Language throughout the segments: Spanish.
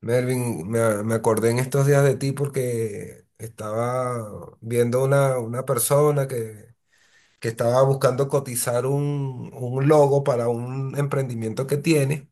Melvin, me acordé en estos días de ti porque estaba viendo una persona que estaba buscando cotizar un logo para un emprendimiento que tiene.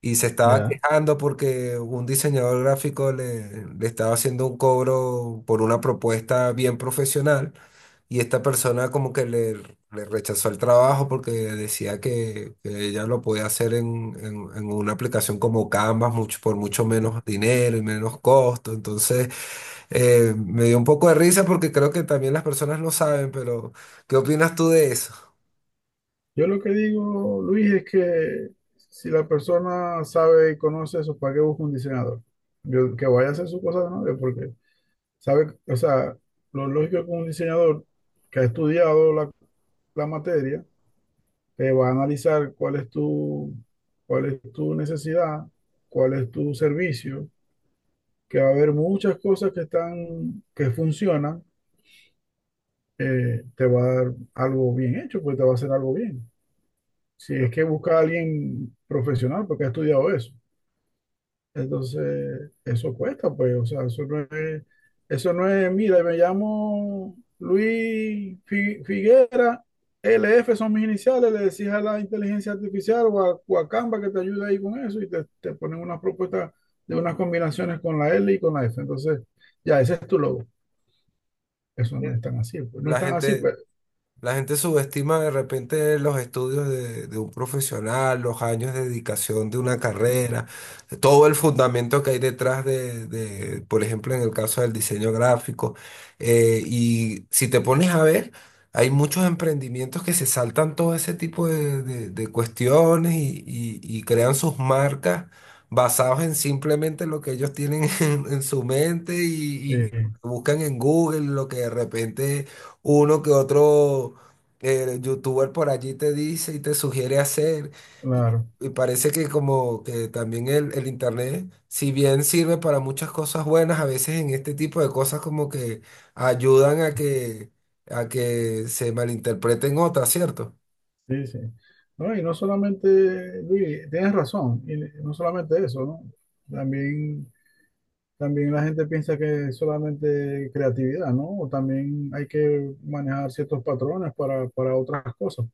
Y se estaba Ya. quejando porque un diseñador gráfico le estaba haciendo un cobro por una propuesta bien profesional y esta persona como que le rechazó el trabajo porque decía que ella lo podía hacer en, en una aplicación como Canva mucho, por mucho menos dinero y menos costo. Me dio un poco de risa porque creo que también las personas lo saben, pero ¿qué opinas tú de eso? Yo lo que digo, Luis, es que si la persona sabe y conoce eso, ¿para qué busca un diseñador? Que vaya a hacer su cosa de novio, porque sabe, o sea, lo lógico es que un diseñador que ha estudiado la materia, te va a analizar cuál es cuál es tu necesidad, cuál es tu servicio, que va a haber muchas cosas que están, que funcionan, te va a dar algo bien hecho, pues te va a hacer algo bien. Si es que busca a alguien profesional porque ha estudiado eso. Entonces, eso cuesta, pues, o sea, eso no es, mira, me llamo Luis Figuera, L F son mis iniciales, le decís a la inteligencia artificial o o a Canva que te ayude ahí con eso y te ponen unas propuestas de unas combinaciones con la L y con la F. Entonces, ya, ese es tu logo. Eso no es tan así, pues, no es La tan así, gente... pues, La gente subestima de repente los estudios de un profesional, los años de dedicación de una carrera, todo el fundamento que hay detrás de, por ejemplo, en el caso del diseño gráfico. Y si te pones a ver, hay muchos emprendimientos que se saltan todo ese tipo de, de cuestiones y, y crean sus marcas basados en simplemente lo que ellos tienen en su mente y sí, buscan en Google lo que de repente uno que otro youtuber por allí te dice y te sugiere hacer. Y, claro. y parece que como que también el internet, si bien sirve para muchas cosas buenas, a veces en este tipo de cosas como que ayudan a que se malinterpreten otras, ¿cierto? Sí, sí. No, y no solamente, Luis, tienes razón, y no solamente eso, ¿no? También, también la gente piensa que es solamente creatividad, ¿no? O también hay que manejar ciertos patrones para otras cosas.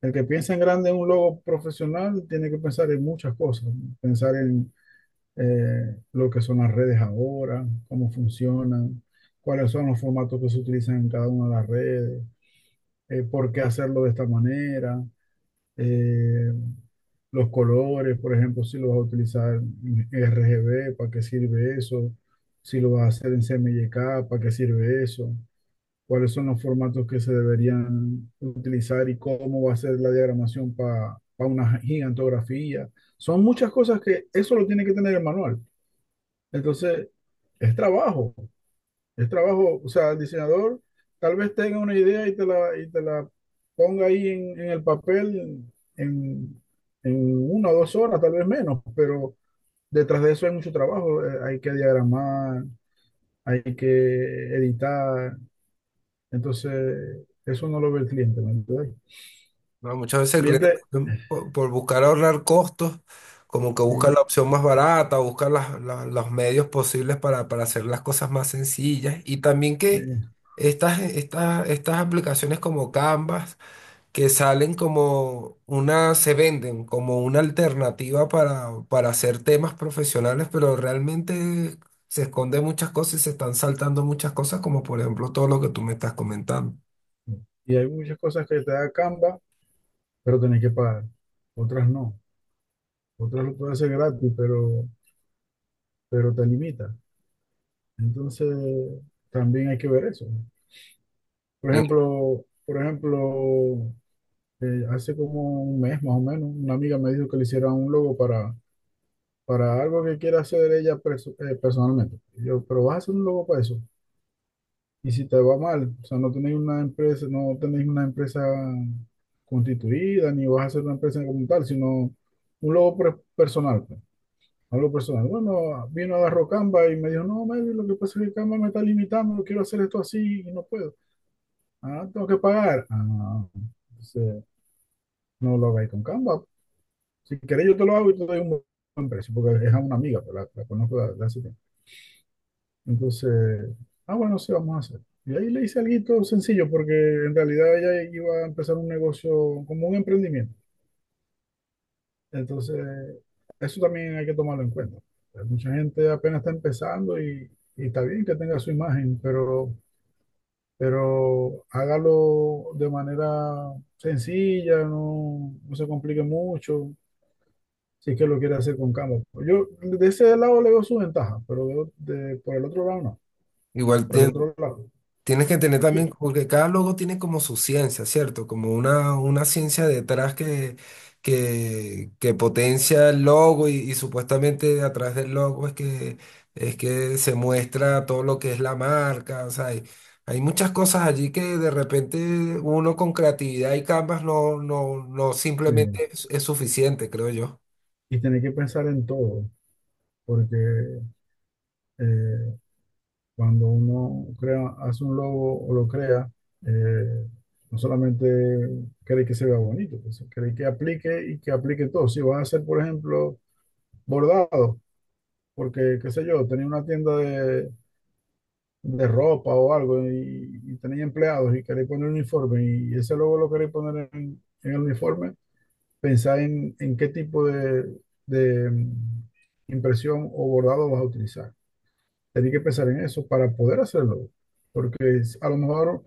El que piensa en grande en un logo profesional tiene que pensar en muchas cosas, ¿no? Pensar en lo que son las redes ahora, cómo funcionan, cuáles son los formatos que se utilizan en cada una de las redes, por qué hacerlo de esta manera. Eh, los colores, por ejemplo, si lo vas a utilizar en RGB, ¿para qué sirve eso? Si lo vas a hacer en CMYK, ¿para qué sirve eso? ¿Cuáles son los formatos que se deberían utilizar y cómo va a ser la diagramación para una gigantografía? Son muchas cosas que eso lo tiene que tener el manual. Entonces, es trabajo. El trabajo, o sea, el diseñador tal vez tenga una idea y y te la ponga ahí en el papel en, en una o dos horas, tal vez menos, pero detrás de eso hay mucho trabajo. Hay que diagramar, hay que editar. Entonces, eso no lo ve el cliente, ¿me entiendes? No, muchas veces el cliente Cliente, también por buscar ahorrar costos, como que busca eh, la opción más barata, busca los medios posibles para hacer las cosas más sencillas. Y también sí. que estas aplicaciones como Canvas, que salen como una, se venden como una alternativa para hacer temas profesionales, pero realmente se esconden muchas cosas y se están saltando muchas cosas, como por ejemplo todo lo que tú me estás comentando. Y hay muchas cosas que te da Canva, pero tenés que pagar. Otras no. Otras lo puedes hacer gratis, pero te limita. Entonces, también hay que ver eso. Ven, Por ejemplo, hace como un mes más o menos, una amiga me dijo que le hiciera un logo para algo que quiera hacer ella personalmente. Y yo, pero vas a hacer un logo para eso. Y si te va mal, o sea, no tenéis una empresa, no tenéis una empresa constituida, ni vas a hacer una empresa como tal, sino un logo personal, pues, algo personal. Bueno, vino, agarró Canva y me dijo, no, Melvin, lo que pasa es que Canva me está limitando, quiero hacer esto así y no puedo. Ah, tengo que pagar. Ah, entonces, no lo hagáis con Canva. Si queréis, yo te lo hago y te doy un buen precio, porque es a una amiga, pero la conozco de hace tiempo. Entonces, ah, bueno, sí, vamos a hacer. Y ahí le hice algo sencillo, porque en realidad ella iba a empezar un negocio como un emprendimiento. Entonces, eso también hay que tomarlo en cuenta. Hay mucha gente apenas está empezando y está bien que tenga su imagen, pero hágalo de manera sencilla, no, no se complique mucho. Si es que lo quiere hacer con Campbell. Yo de ese lado le veo su ventaja, pero por el otro lado no. igual Por el otro lado, tienes que tener sí. también, porque cada logo tiene como su ciencia, ¿cierto? Como una ciencia detrás que, que potencia el logo y supuestamente a través del logo es que se muestra todo lo que es la marca, o sea, hay muchas cosas allí que de repente uno con creatividad y Canvas no, no, no Sí. simplemente es suficiente, creo yo. Y tener que pensar en todo, porque eh, cuando uno crea, hace un logo o lo crea, eh, no solamente cree que se vea bonito, pues, cree que aplique y que aplique todo. Si vas a hacer, por ejemplo, bordado, porque, qué sé yo, tenía una tienda de ropa o algo y tenéis empleados y queréis poner un uniforme y ese logo lo queréis poner en el uniforme, pensáis en qué tipo de impresión o bordado vas a utilizar. Tenéis que pensar en eso para poder hacerlo, porque a lo mejor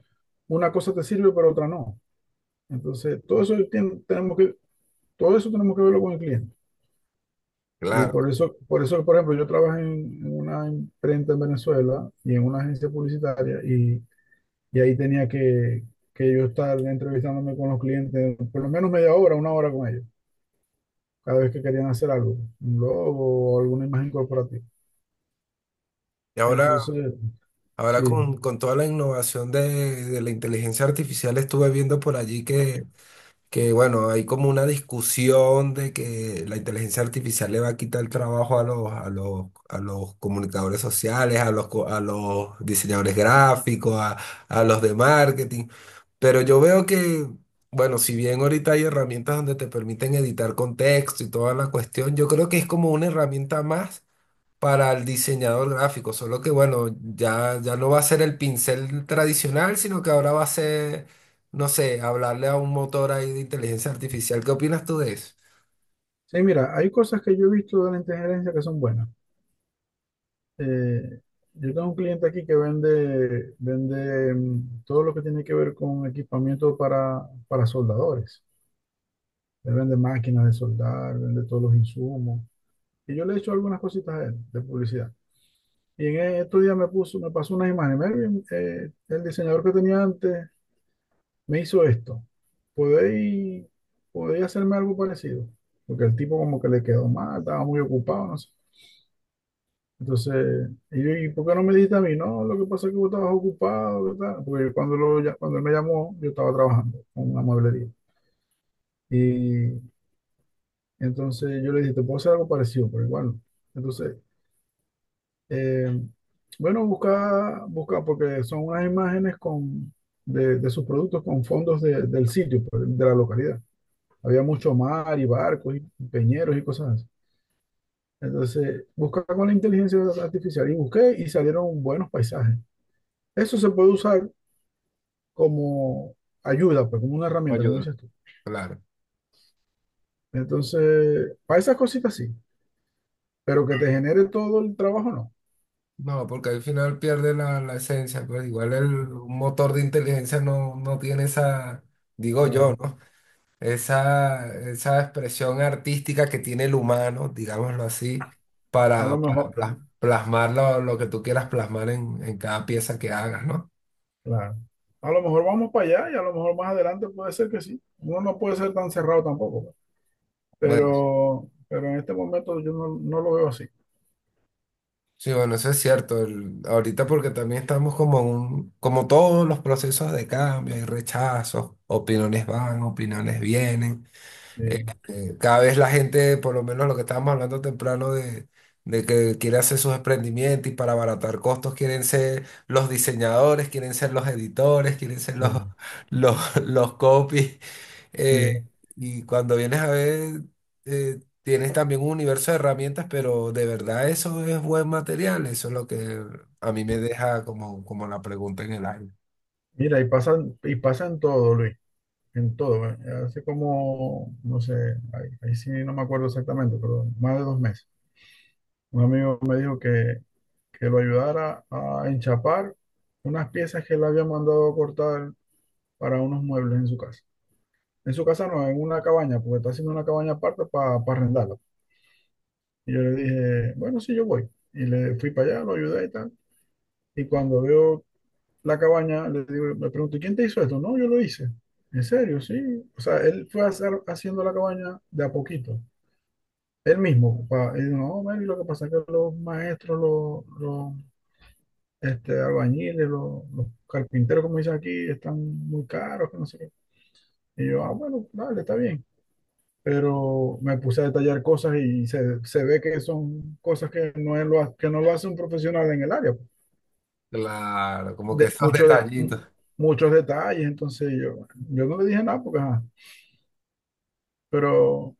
una cosa te sirve pero otra no. Entonces, tenemos que, todo eso tenemos que verlo con el cliente. Y Claro. por eso, por eso, por ejemplo, yo trabajé en una imprenta en Venezuela y en una agencia publicitaria y ahí que yo estar entrevistándome con los clientes por lo menos media hora, una hora con ellos, cada vez que querían hacer algo, un logo o alguna imagen corporativa. Y ahora, Entonces, ahora sí. Con toda la innovación de la inteligencia artificial estuve viendo por allí que bueno, hay como una discusión de que la inteligencia artificial le va a quitar el trabajo a los, a los, a los comunicadores sociales, a los, a los diseñadores gráficos, a los de marketing. Pero yo veo que, bueno, si bien ahorita hay herramientas donde te permiten editar contexto y toda la cuestión, yo creo que es como una herramienta más para el diseñador gráfico, solo que bueno, ya, ya no va a ser el pincel tradicional, sino que ahora va a ser, no sé, hablarle a un motor ahí de inteligencia artificial. ¿Qué opinas tú de eso? Sí, mira, hay cosas que yo he visto de la inteligencia que son buenas. Eh, yo tengo un cliente aquí que vende todo lo que tiene que ver con equipamiento para soldadores. Él vende máquinas de soldar, vende todos los insumos. Y yo le he hecho algunas cositas a él de publicidad. Y en estos días me pasó unas imágenes. Melvin, el diseñador que tenía antes me hizo esto. ¿Podéis, ¿Podéis hacerme algo parecido? Porque el tipo como que le quedó mal, estaba muy ocupado, no sé. Entonces, y yo, ¿y por qué no me dijiste a mí? No, lo que pasa es que vos estabas ocupado, ¿verdad? Porque cuando él me llamó, yo estaba trabajando con una mueblería. Y entonces yo le dije, te puedo hacer algo parecido, pero igual no. Entonces, Eh, bueno, busca, busca, porque son unas imágenes con, de sus productos con fondos del sitio, pues, de la localidad. Había mucho mar y barcos y peñeros y cosas así. Entonces, busca con la inteligencia artificial y busqué y salieron buenos paisajes. Eso se puede usar como ayuda, pues, como una herramienta, como Ayuda. dices tú. Claro. Entonces, para esas cositas sí, pero que te genere todo el trabajo, no. No, porque al final pierde la, la esencia, pues igual el Sí, un motor de inteligencia no, no tiene esa, digo yo, claro. ¿no? Esa expresión artística que tiene el humano, digámoslo así, A lo para mejor, plasmar lo que tú quieras plasmar en cada pieza que hagas, ¿no? claro. A lo mejor vamos para allá y a lo mejor más adelante puede ser que sí. Uno no puede ser tan cerrado tampoco, pues. Bueno, Pero en este momento yo no, no lo veo así. sí, bueno, eso es cierto. El- ahorita porque también estamos como en un, como todos los procesos de cambio, hay rechazos, opiniones van, opiniones vienen. Sí, Eh, Cada vez la gente, por lo menos lo que estábamos hablando temprano de que quiere hacer sus emprendimientos y para abaratar costos quieren ser los diseñadores, quieren ser los editores, quieren ser sí, los, los, los copies. Eh, sí. y cuando vienes a ver, tienes también un universo de herramientas, pero de verdad eso es buen material. Eso es lo que a mí me deja como, como la pregunta en el aire. Mira, y pasan, y pasa en todo, Luis, en todo. ¿Eh? Hace como, no sé, ahí, ahí sí no me acuerdo exactamente, pero más de dos meses. Un amigo me dijo que lo ayudara a enchapar unas piezas que él había mandado a cortar para unos muebles en su casa. En su casa no, en una cabaña, porque está haciendo una cabaña aparte para arrendarla. Y yo le dije, bueno, sí, yo voy. Y le fui para allá, lo ayudé y tal. Y cuando veo la cabaña, le digo, me pregunto, ¿y quién te hizo esto? No, yo lo hice. ¿En serio? Sí. O sea, él fue a haciendo la cabaña de a poquito. Él mismo. Pa, y digo, no, man, y lo que pasa es que los maestros, los este, albañiles, los carpinteros, como dicen aquí, están muy caros, que no sé qué. Y yo, ah, bueno, dale, está bien. Pero me puse a detallar cosas y se ve que son cosas que no, que no lo hace un profesional en el área. Claro, como que De, esos mucho de, detallitos. muchos detalles, entonces yo no le dije nada porque, ajá, pero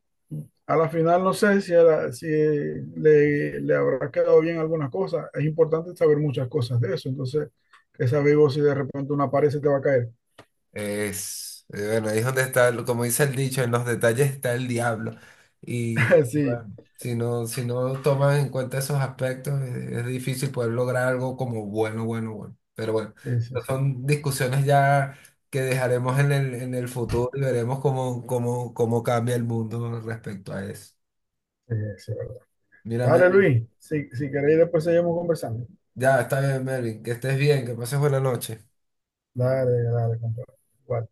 a la final no sé si, si le, le habrá quedado bien algunas cosas. Es importante saber muchas cosas de eso, entonces, que sabes vos si de repente una pared se te va a caer. Bueno, ahí es donde está, el- como dice el dicho, en los detalles está el diablo. Y Sí, bueno, si no, si no tomas en cuenta esos aspectos, es difícil poder lograr algo como bueno, bueno, bueno. Pero bueno, sí, sí, sí. son discusiones ya que dejaremos en el futuro y veremos cómo, cómo, cómo cambia el mundo respecto a eso. Sí, sí, verdad. Mira, Dale, Mervin, Luis, si, si queréis después seguimos conversando. ya está bien, Mervin, que estés bien, que pases buena noche. Dale, dale, compadre. Igual.